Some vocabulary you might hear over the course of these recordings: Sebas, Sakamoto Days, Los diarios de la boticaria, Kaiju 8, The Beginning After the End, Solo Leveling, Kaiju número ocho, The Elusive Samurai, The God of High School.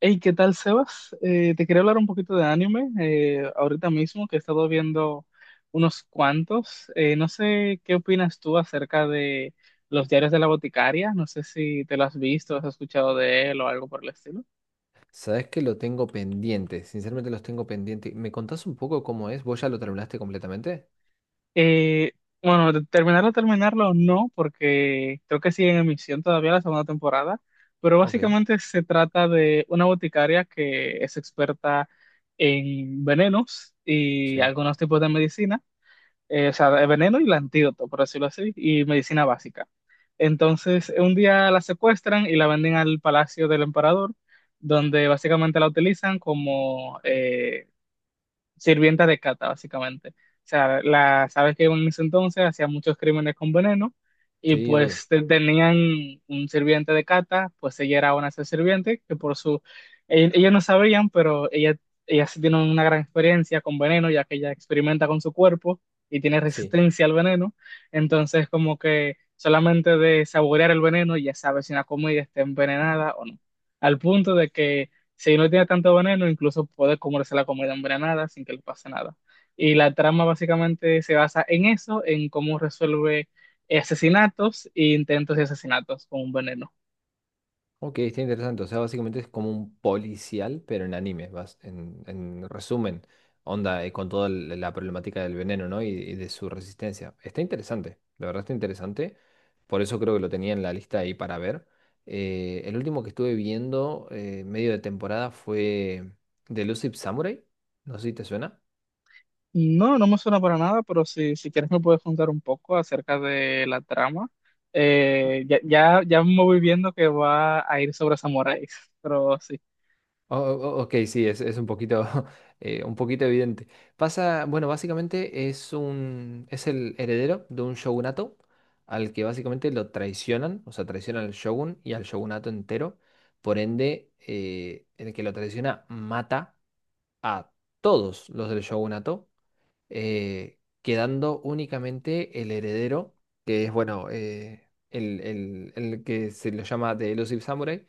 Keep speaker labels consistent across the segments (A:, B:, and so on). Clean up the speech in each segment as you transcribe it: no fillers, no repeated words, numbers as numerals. A: Hey, ¿qué tal, Sebas? Te quería hablar un poquito de anime ahorita mismo, que he estado viendo unos cuantos. No sé qué opinas tú acerca de los diarios de la boticaria. No sé si te lo has visto, has escuchado de él o algo por el estilo.
B: Sabes que lo tengo pendiente, sinceramente los tengo pendiente. ¿Me contás un poco cómo es? ¿Vos ya lo terminaste completamente?
A: Eh, bueno, de terminarlo, terminarlo no, porque creo que sigue en emisión todavía la segunda temporada. Pero
B: Ok,
A: básicamente se trata de una boticaria que es experta en venenos y
B: sí.
A: algunos tipos de medicina, o sea, el veneno y el antídoto, por decirlo así, y medicina básica. Entonces, un día la secuestran y la venden al palacio del emperador, donde básicamente la utilizan como, sirvienta de cata, básicamente. O sea, la sabes que en ese entonces hacían muchos crímenes con veneno y
B: Sí, obvio.
A: pues tenían un sirviente de cata, pues ella era una de esas sirvientes que por su... Ellos no sabían, pero ella sí tiene una gran experiencia con veneno, ya que ella experimenta con su cuerpo y tiene
B: Sí.
A: resistencia al veneno. Entonces, como que solamente de saborear el veneno ya sabe si una comida está envenenada o no. Al punto de que si no tiene tanto veneno, incluso puede comerse la comida envenenada sin que le pase nada. Y la trama básicamente se basa en eso, en cómo resuelve asesinatos e intentos de asesinatos con un veneno.
B: Ok, está interesante. O sea, básicamente es como un policial, pero en anime, vas, en resumen, onda, con toda la problemática del veneno, ¿no? Y de su resistencia. Está interesante, la verdad está interesante. Por eso creo que lo tenía en la lista ahí para ver. El último que estuve viendo, medio de temporada, fue The Elusive Samurai. No sé si te suena.
A: No, no me suena para nada, pero si quieres me puedes contar un poco acerca de la trama. Ya me voy viendo que va a ir sobre samuráis, pero sí.
B: Ok, sí, es un poquito, un poquito evidente. Pasa, bueno, básicamente es un, es el heredero de un shogunato al que básicamente lo traicionan, o sea, traicionan al shogun y al shogunato entero. Por ende, el que lo traiciona mata a todos los del shogunato, quedando únicamente el heredero, que es, bueno, el, el que se lo llama The Elusive Samurai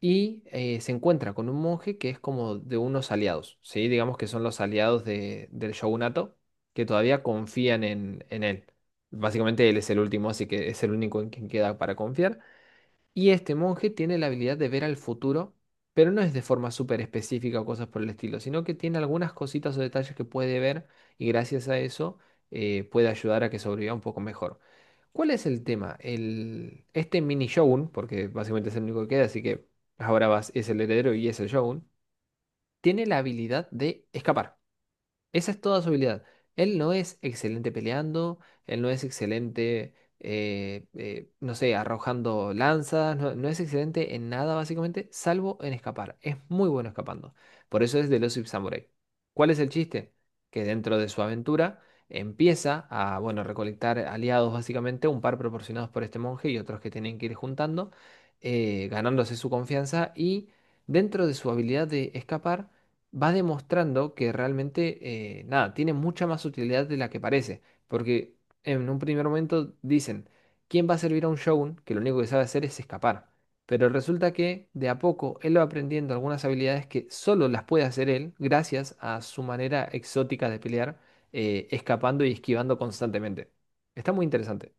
B: y se encuentra con un monje que es como de unos aliados, ¿sí? Digamos que son los aliados del shogunato que todavía confían en él. Básicamente él es el último, así que es el único en quien queda para confiar. Y este monje tiene la habilidad de ver al futuro, pero no es de forma súper específica o cosas por el estilo, sino que tiene algunas cositas o detalles que puede ver y gracias a eso puede ayudar a que sobreviva un poco mejor. ¿Cuál es el tema? El, este mini Shogun, porque básicamente es el único que queda, así que ahora vas, es el heredero y es el Shogun, tiene la habilidad de escapar. Esa es toda su habilidad. Él no es excelente peleando, él no es excelente, no sé, arrojando lanzas, no, no es excelente en nada básicamente, salvo en escapar. Es muy bueno escapando. Por eso es de los Samurai. ¿Cuál es el chiste? Que dentro de su aventura empieza a, bueno, recolectar aliados básicamente, un par proporcionados por este monje y otros que tienen que ir juntando, ganándose su confianza y dentro de su habilidad de escapar va demostrando que realmente, nada, tiene mucha más utilidad de la que parece. Porque en un primer momento dicen, ¿quién va a servir a un shogun que lo único que sabe hacer es escapar? Pero resulta que de a poco él va aprendiendo algunas habilidades que solo las puede hacer él gracias a su manera exótica de pelear, escapando y esquivando constantemente. Está muy interesante.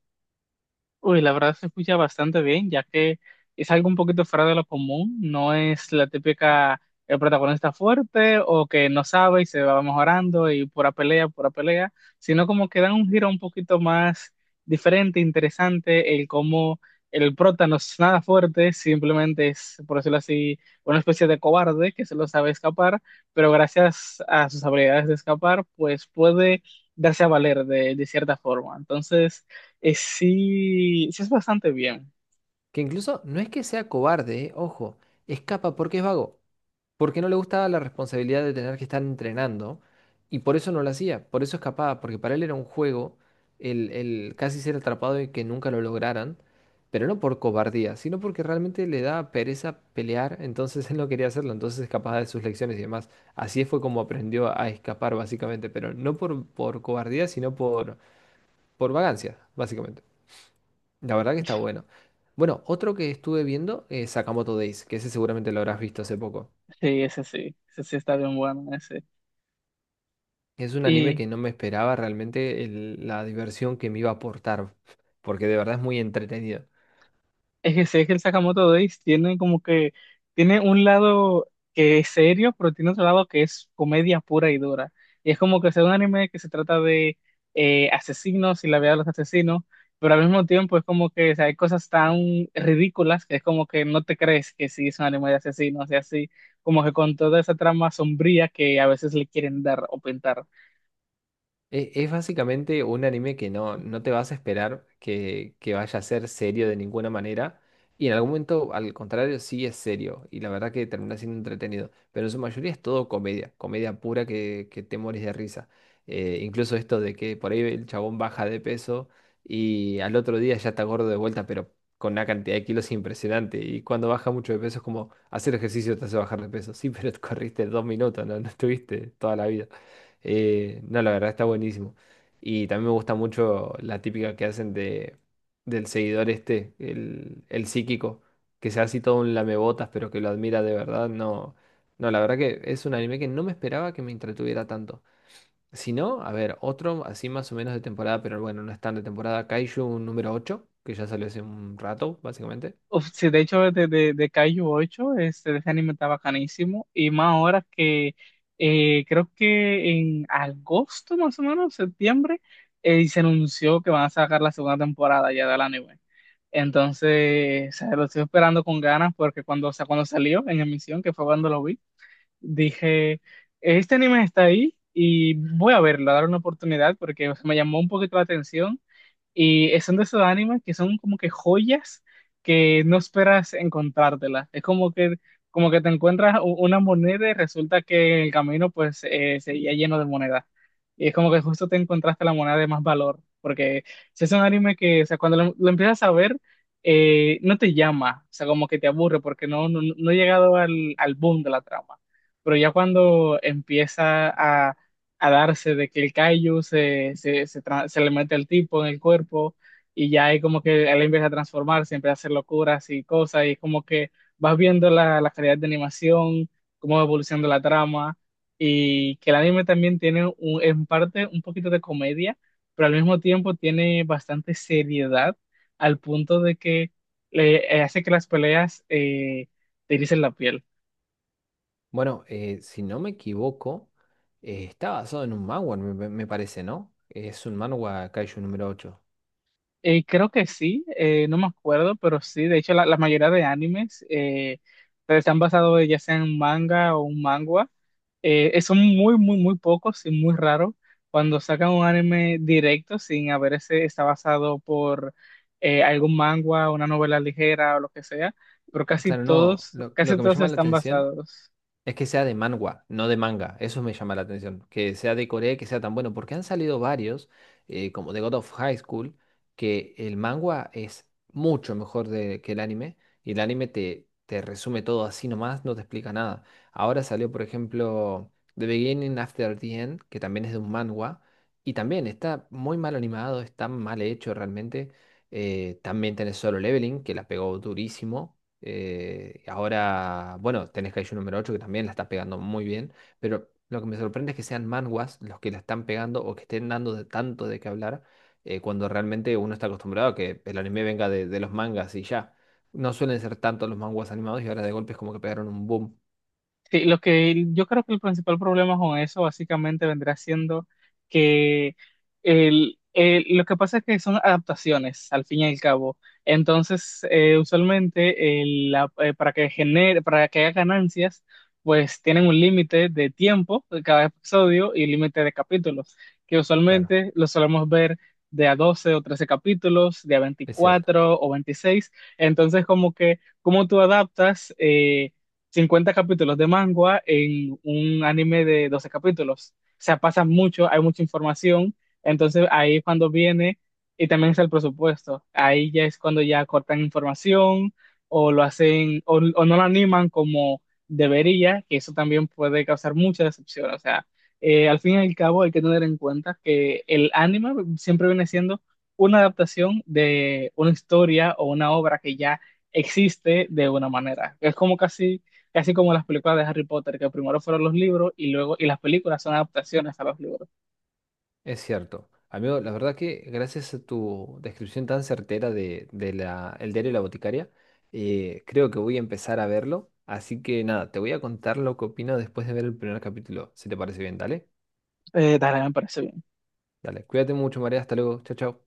A: Uy, la verdad se escucha bastante bien, ya que es algo un poquito fuera de lo común, no es la típica el protagonista fuerte o que no sabe y se va mejorando y pura pelea, sino como que dan un giro un poquito más diferente, interesante, el cómo el prota no es nada fuerte, simplemente es, por decirlo así, una especie de cobarde que solo sabe escapar, pero gracias a sus habilidades de escapar, pues puede darse a valer de cierta forma. Entonces... sí, sí es bastante bien.
B: Que incluso no es que sea cobarde, Ojo, escapa porque es vago, porque no le gustaba la responsabilidad de tener que estar entrenando y por eso no lo hacía, por eso escapaba, porque para él era un juego el casi ser atrapado y que nunca lo lograran, pero no por cobardía, sino porque realmente le daba pereza pelear, entonces él no quería hacerlo, entonces escapaba de sus lecciones y demás. Así fue como aprendió a escapar básicamente, pero no por, por cobardía, sino por vagancia, básicamente. La verdad que está bueno. Bueno, otro que estuve viendo es Sakamoto Days, que ese seguramente lo habrás visto hace poco.
A: Sí, ese sí. Ese sí está bien bueno, ese.
B: Es un anime
A: Y
B: que no me esperaba realmente la diversión que me iba a aportar, porque de verdad es muy entretenido.
A: es que sé que el Sakamoto Days tiene como que, tiene un lado que es serio, pero tiene otro lado que es comedia pura y dura. Y es como que es un anime que se trata de asesinos y la vida de los asesinos, pero al mismo tiempo es como que, o sea, hay cosas tan ridículas que es como que no te crees que sí es un anime de asesinos y así, como que con toda esa trama sombría que a veces le quieren dar o pintar.
B: Es básicamente un anime que no, no te vas a esperar que vaya a ser serio de ninguna manera. Y en algún momento, al contrario, sí es serio. Y la verdad que termina siendo entretenido. Pero en su mayoría es todo comedia. Comedia pura que te morís de risa. Incluso esto de que por ahí el chabón baja de peso y al otro día ya está gordo de vuelta, pero con una cantidad de kilos impresionante. Y cuando baja mucho de peso es como hacer ejercicio te hace bajar de peso. Sí, pero corriste 2 minutos, no, no estuviste toda la vida. No, la verdad está buenísimo. Y también me gusta mucho la típica que hacen de, del seguidor este, el psíquico, que sea así todo un lamebotas, pero que lo admira de verdad. No, no, la verdad que es un anime que no me esperaba que me entretuviera tanto. Si no, a ver, otro así más o menos de temporada, pero bueno, no es tan de temporada. Kaiju número ocho que ya salió hace un rato, básicamente.
A: Uf, sí, de hecho, de Kaiju 8, este, ese anime está bacanísimo. Y más ahora que creo que en agosto, más o menos, septiembre, se anunció que van a sacar la segunda temporada ya del anime. Entonces, o sea, lo estoy esperando con ganas porque cuando, o sea, cuando salió en emisión, que fue cuando lo vi, dije, este anime está ahí y voy a verlo, a dar una oportunidad porque o sea, me llamó un poquito la atención y son de esos animes que son como que joyas que no esperas encontrártelas. Es como que te encuentras una moneda y resulta que el camino pues seguía lleno de monedas. Y es como que justo te encontraste la moneda de más valor. Porque si es un anime que, o sea, cuando lo empiezas a ver, no te llama. O sea, como que te aburre porque no he llegado al boom de la trama. Pero ya cuando empieza a darse de que el kaiju se le mete el tipo en el cuerpo y ya hay como que él empieza a transformarse, empieza a hacer locuras y cosas y es como que vas viendo la calidad de animación, cómo va evolucionando la trama y que el anime también tiene en parte un poquito de comedia, pero al mismo tiempo tiene bastante seriedad al punto de que hace que las peleas te ericen la piel.
B: Bueno, si no me equivoco, está basado en un manhwa, me parece, ¿no? Es un manhwa Kaiju número ocho.
A: Creo que sí, no me acuerdo, pero sí, de hecho la mayoría de animes están basados ya sea en manga o un mangua. Son muy, muy, muy pocos y muy raros cuando sacan un anime directo sin haber ese está basado por algún mangua, una novela ligera o lo que sea, pero
B: Claro, no. Lo
A: casi
B: que me
A: todos
B: llama la
A: están
B: atención
A: basados.
B: es que sea de manga, no de manga. Eso me llama la atención. Que sea de Corea, y que sea tan bueno. Porque han salido varios, como The God of High School, que el manga es mucho mejor que el anime. Y el anime te, te resume todo así nomás, no te explica nada. Ahora salió, por ejemplo, The Beginning After the End, que también es de un manga. Y también está muy mal animado, está mal hecho realmente. También tenés Solo Leveling, que la pegó durísimo. Ahora, bueno, tenés Kaiju número ocho que también la está pegando muy bien, pero lo que me sorprende es que sean manguas los que la están pegando o que estén dando de tanto de qué hablar cuando realmente uno está acostumbrado a que el anime venga de los mangas y ya. No suelen ser tanto los manguas animados y ahora de golpe es como que pegaron un boom.
A: Sí, lo que yo creo que el principal problema con eso básicamente vendrá siendo que lo que pasa es que son adaptaciones al fin y al cabo. Entonces, usualmente para que genere, para que haya ganancias, pues tienen un límite de tiempo de cada episodio y límite de capítulos, que
B: Claro,
A: usualmente lo solemos ver de a 12 o 13 capítulos, de a
B: es cierto.
A: 24 o 26. Entonces, como que, ¿cómo tú adaptas? 50 capítulos de manga en un anime de 12 capítulos. O sea, pasa mucho, hay mucha información, entonces ahí es cuando viene y también es el presupuesto. Ahí ya es cuando ya cortan información o lo hacen o no lo animan como debería, que eso también puede causar mucha decepción. O sea, al fin y al cabo hay que tener en cuenta que el anime siempre viene siendo una adaptación de una historia o una obra que ya existe de una manera. Es como casi casi como las películas de Harry Potter, que primero fueron los libros y luego y las películas son adaptaciones a los libros.
B: Es cierto. Amigo, la verdad que gracias a tu descripción tan certera de la, el diario de la boticaria, creo que voy a empezar a verlo. Así que nada, te voy a contar lo que opino después de ver el primer capítulo, si te parece bien, dale.
A: Dale, me parece bien.
B: Dale, cuídate mucho, María, hasta luego, chao, chao.